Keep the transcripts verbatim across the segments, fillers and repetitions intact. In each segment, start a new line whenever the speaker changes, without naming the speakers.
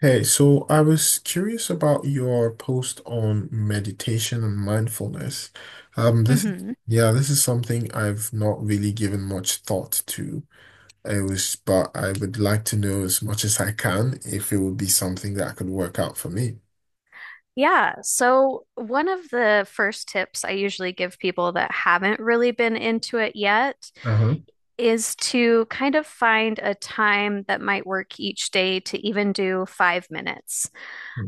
Hey, so I was curious about your post on meditation and mindfulness. Um, this,
Hmm,
yeah, this is something I've not really given much thought to. It was, but I would like to know as much as I can if it would be something that could work out for me.
yeah. So, one of the first tips I usually give people that haven't really been into it yet
Uh-huh.
is to kind of find a time that might work each day to even do five minutes.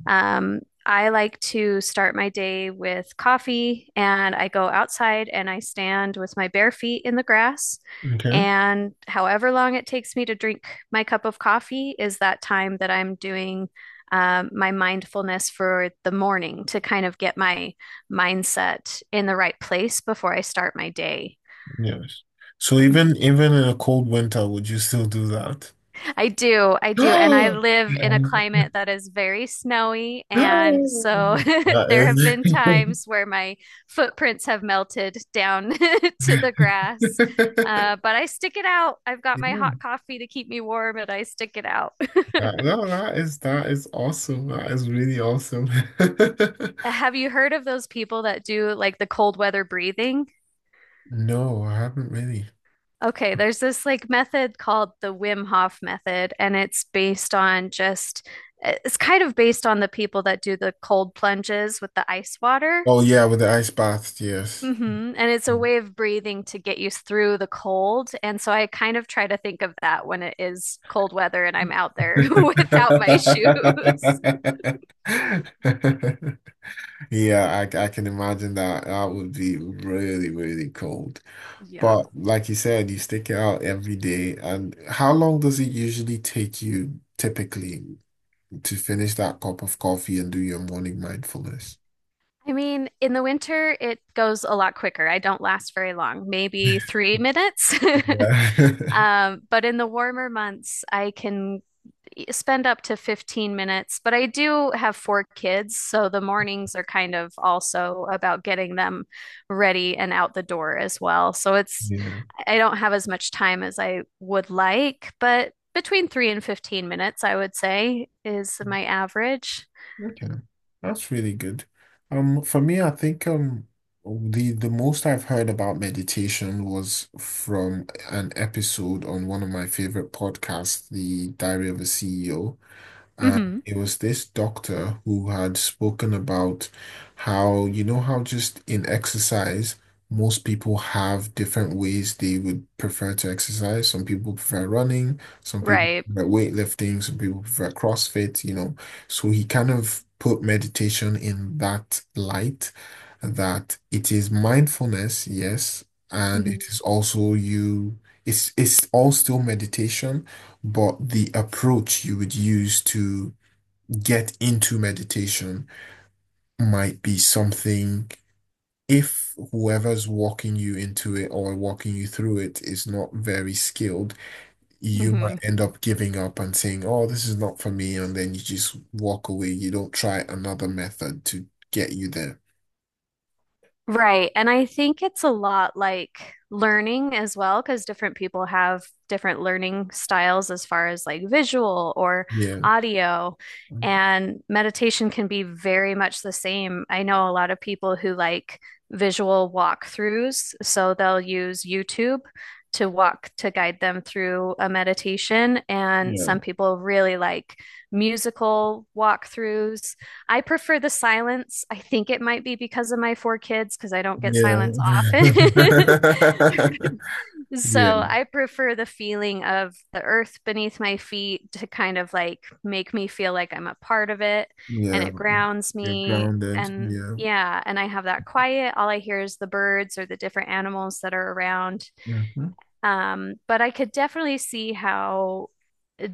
Um, I like to start my day with coffee and I go outside and I stand with my bare feet in the grass.
Okay.
And however long it takes me to drink my cup of coffee is that time that I'm doing um, my mindfulness for the morning to kind of get my mindset in the right place before I start my day.
Yes. So even even in a cold winter, would you still do that?
I do, I do. And I live in a climate that is very snowy. And so
That
there have been
is-
times where my footprints have melted down to the grass. Uh, but I stick it out. I've got my
Yeah.
hot coffee to keep me warm and I stick it out.
That, no, that is that is awesome. That is really awesome.
Have you heard of those people that do like the cold weather breathing?
No, I haven't really.
Okay, there's this like method called the Wim Hof method, and it's based on just, eh, it's kind of based on the people that do the cold plunges with the ice water.
Oh yeah, with the ice bath, yes.
Hmm. And it's a way of breathing to get you through the cold. And so I kind of try to think of that when it is cold weather and I'm out there without my shoes.
Yeah, I, I can imagine that. That would be really, really cold. But
Yeah.
like you said, you stick it out every day. And how long does it usually take you typically to finish that cup of coffee and do your morning mindfulness?
I mean, in the winter, it goes a lot quicker. I don't last very long, maybe three minutes.
Yeah.
Um, but in the warmer months, I can spend up to fifteen minutes, but I do have four kids, so the mornings are kind of also about getting them ready and out the door as well. So it's,
Yeah.
I don't have as much time as I would like, but between three and fifteen minutes, I would say, is my average.
Okay, that's really good. Um, for me, I think um the the most I've heard about meditation was from an episode on one of my favorite podcasts, The Diary of a C E O. And
Hmm.
it was this doctor who had spoken about how, you know, how just in exercise, most people have different ways they would prefer to exercise. Some people prefer running, some people
Right.
prefer weightlifting, some people prefer CrossFit, you know. So he kind of put meditation in that light that it is mindfulness, yes, and
Hmm.
it is also you, it's it's all still meditation but the approach you would use to get into meditation might be something, if whoever's walking you into it or walking you through it is not very skilled, you
Hmm.
might end up giving up and saying, oh, this is not for me. And then you just walk away. You don't try another method to get you there.
Right. And I think it's a lot like learning as well, because different people have different learning styles as far as like visual or
Yeah.
audio. And meditation can be very much the same. I know a lot of people who like visual walkthroughs, so they'll use YouTube to walk to guide them through a meditation. And
Yeah.
some people really like musical walkthroughs. I prefer the silence. I think it might be because of my four kids, because I don't get
Yeah.
silence often.
Yeah.
So I prefer the feeling of the earth beneath my feet to kind of like make me feel like I'm a part of it and
Yeah.
it grounds
You're
me.
grounded.
And
Yeah.
yeah, and I have that quiet. All I hear is the birds or the different animals that are around.
Hmm.
Um, but I could definitely see how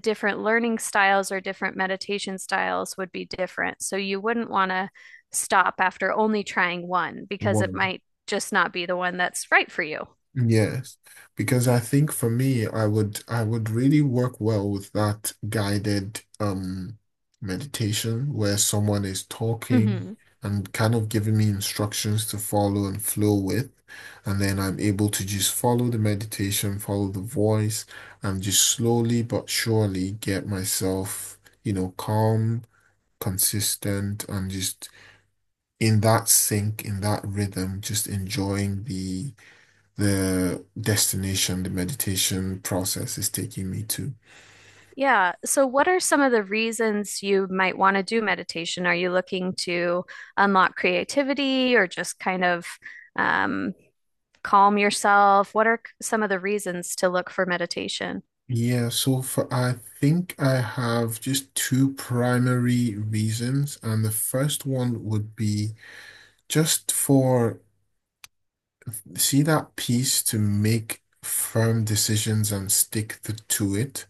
different learning styles or different meditation styles would be different. So you wouldn't want to stop after only trying one because it
One.
might just not be the one that's right for you.
Yes, because I think for me, I would I would really work well with that guided um meditation where someone is talking
Hmm.
and kind of giving me instructions to follow and flow with, and then I'm able to just follow the meditation, follow the voice, and just slowly but surely get myself, you know, calm, consistent, and just in that sync, in that rhythm, just enjoying the the destination, the meditation process is taking me to.
Yeah. So, what are some of the reasons you might want to do meditation? Are you looking to unlock creativity or just kind of um, calm yourself? What are some of the reasons to look for meditation?
Yeah, so for I think I have just two primary reasons, and the first one would be just for see that piece to make firm decisions and stick the, to it.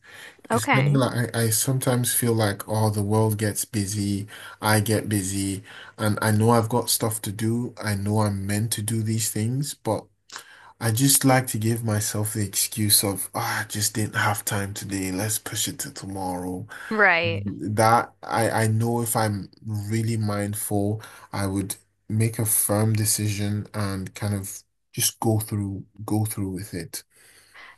It's kind of
Okay.
like I, I sometimes feel like, oh, the world gets busy, I get busy, and I know I've got stuff to do. I know I'm meant to do these things, but I just like to give myself the excuse of, ah, I just didn't have time today. Let's push it to tomorrow.
Right.
That I, I know if I'm really mindful, I would make a firm decision and kind of just go through go through with it.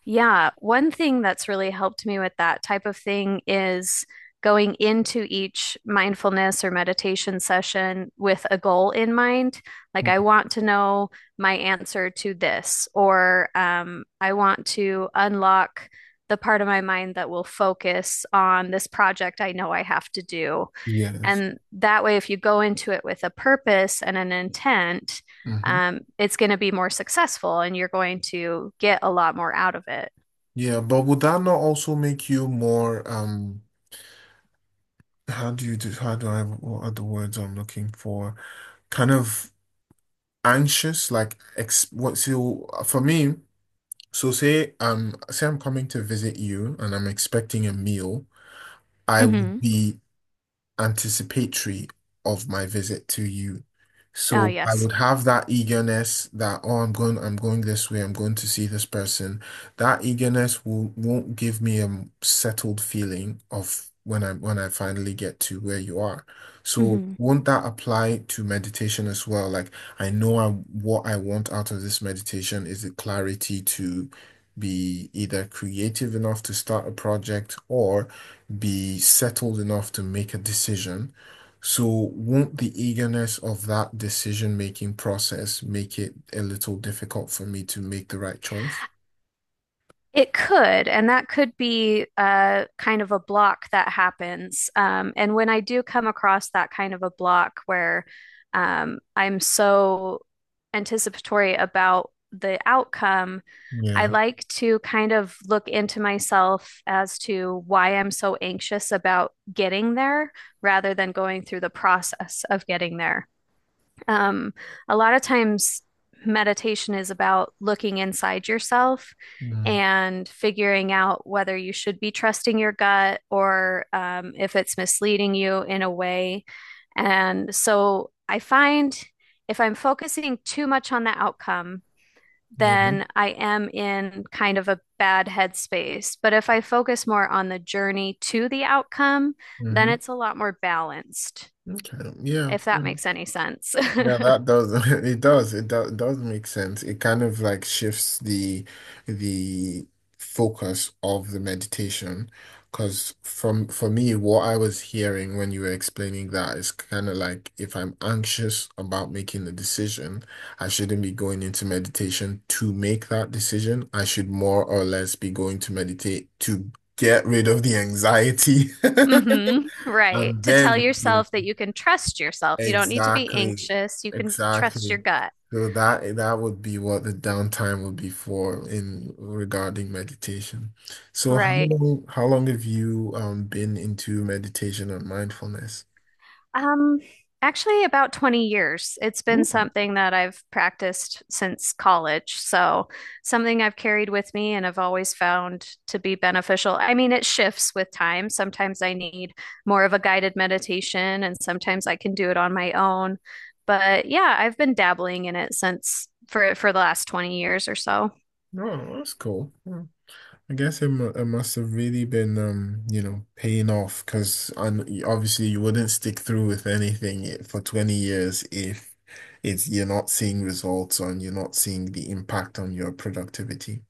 Yeah, one thing that's really helped me with that type of thing is going into each mindfulness or meditation session with a goal in mind. Like,
Mm.
I want to know my answer to this, or um, I want to unlock the part of my mind that will focus on this project I know I have to do.
Yes.
And that way, if you go into it with a purpose and an intent,
Hmm.
um, it's going to be more successful and you're going to get a lot more out of it.
Yeah, but would that not also make you more um how do you do how do I what are the words I'm looking for? Kind of anxious, like ex what so for me. So say um say I'm coming to visit you and I'm expecting a meal. I would
Hmm.
be anticipatory of my visit to you. Mm.
Oh,
So I
yes.
would have that eagerness that, oh, I'm going, I'm going this way, I'm going to see this person. That eagerness will, won't give me a settled feeling of when I when I finally get to where you are. So
Hmm.
won't that apply to meditation as well? Like I know I what I want out of this meditation is the clarity to be either creative enough to start a project or be settled enough to make a decision. So, won't the eagerness of that decision-making process make it a little difficult for me to make the right choice?
It could, and that could be uh, kind of a block that happens. Um, and when I do come across that kind of a block where um, I'm so anticipatory about the outcome, I
Yeah.
like to kind of look into myself as to why I'm so anxious about getting there rather than going through the process of getting there. Um, a lot of times, meditation is about looking inside yourself
Mm.
and figuring out whether you should be trusting your gut or um, if it's misleading you in a way. And so I find if I'm focusing too much on the outcome,
Yeah.
then I am in kind of a bad headspace. But if I focus more on the journey to the outcome, then
Hmm.
it's a lot more balanced,
Okay. Yeah.
if
Yeah.
that makes any sense.
Yeah, that does it does it does, does make sense. It kind of like shifts the the focus of the meditation because from for me what I was hearing when you were explaining that is kind of like if I'm anxious about making a decision, I shouldn't be going into meditation to make that decision. I should more or less be going to meditate to get rid of the anxiety.
Mm-hmm. Right.
And
To tell
then
yourself that you can trust yourself. You don't need to be
exactly,
anxious. You can trust your
exactly.
gut.
So that that would be what the downtime would be for in regarding meditation. So how
Right.
long how long have you um been into meditation and mindfulness?
Um, Actually about twenty years. It's been
Ooh,
something that I've practiced since college. So something I've carried with me and I've always found to be beneficial. I mean, it shifts with time. Sometimes I need more of a guided meditation and sometimes I can do it on my own. But yeah, I've been dabbling in it since for for the last twenty years or so.
no, that's cool. Yeah. I guess it, mu- it must have really been um you know paying off because obviously you wouldn't stick through with anything I- for twenty years if it's you're not seeing results and you're not seeing the impact on your productivity.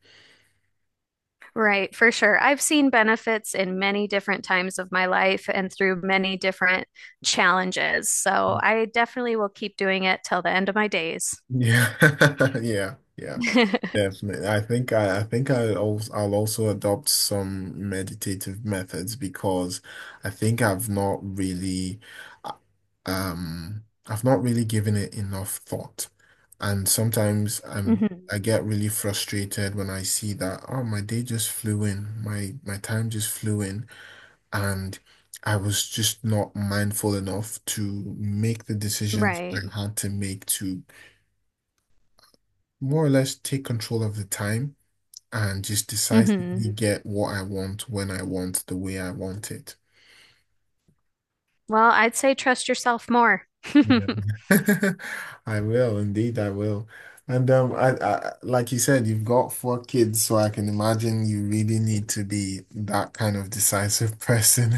Right, for sure. I've seen benefits in many different times of my life and through many different challenges. So I definitely will keep doing it till the end of my days.
Yeah, yeah, yeah, definitely. I think I, I think I also, I'll also adopt some meditative methods because I think I've not really, uh, um, I've not really given it enough thought, and sometimes I'm
Hmm.
I get really frustrated when I see that oh my day just flew in, my my time just flew in, and I was just not mindful enough to make the decisions
Right.
I had to make to more or less take control of the time and just
Hmm.
decisively get what I want when I want, the way I want it.
Well, I'd say trust yourself more.
Yeah. I will, indeed, I will. And um, I, I like you said, you've got four kids, so I can imagine you really need to be that kind of decisive person.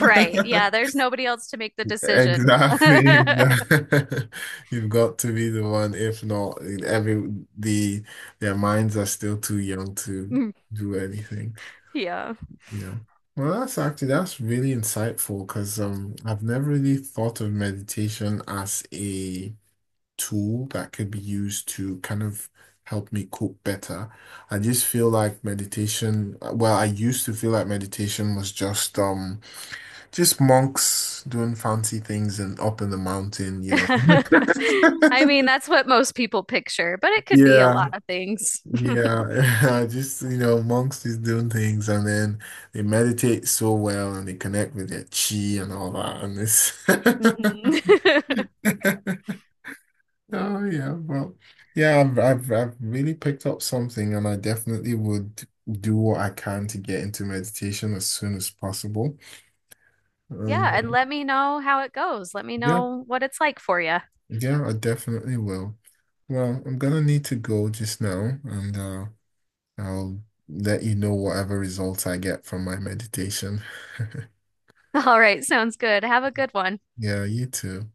Right. Yeah, there's nobody else to make the decisions.
Exactly, exactly. You've got to be the one. If not, every the their minds are still too young to
Mm,
do anything.
yeah.
Yeah. Well, that's actually that's really insightful because um I've never really thought of meditation as a tool that could be used to kind of help me cope better. I just feel like meditation, well, I used to feel like meditation was just um just monks doing fancy things and up in the mountain, you know.
I mean, that's what most people picture, but it could be a
Yeah.
lot of things.
Yeah, just you know, monks is doing things and then they meditate so well and they connect with their chi and all that and this.
Mhm.
Oh yeah, well, yeah, I've, I've I've really picked up something and I definitely would do what I can to get into meditation as soon as possible.
Yeah,
And
and
uh,
let me know how it goes. Let me
yeah,
know what it's like for you.
yeah, I definitely will. Well, I'm gonna need to go just now and uh I'll let you know whatever results I get from my meditation.
All right, sounds good. Have a good one.
Yeah, you too.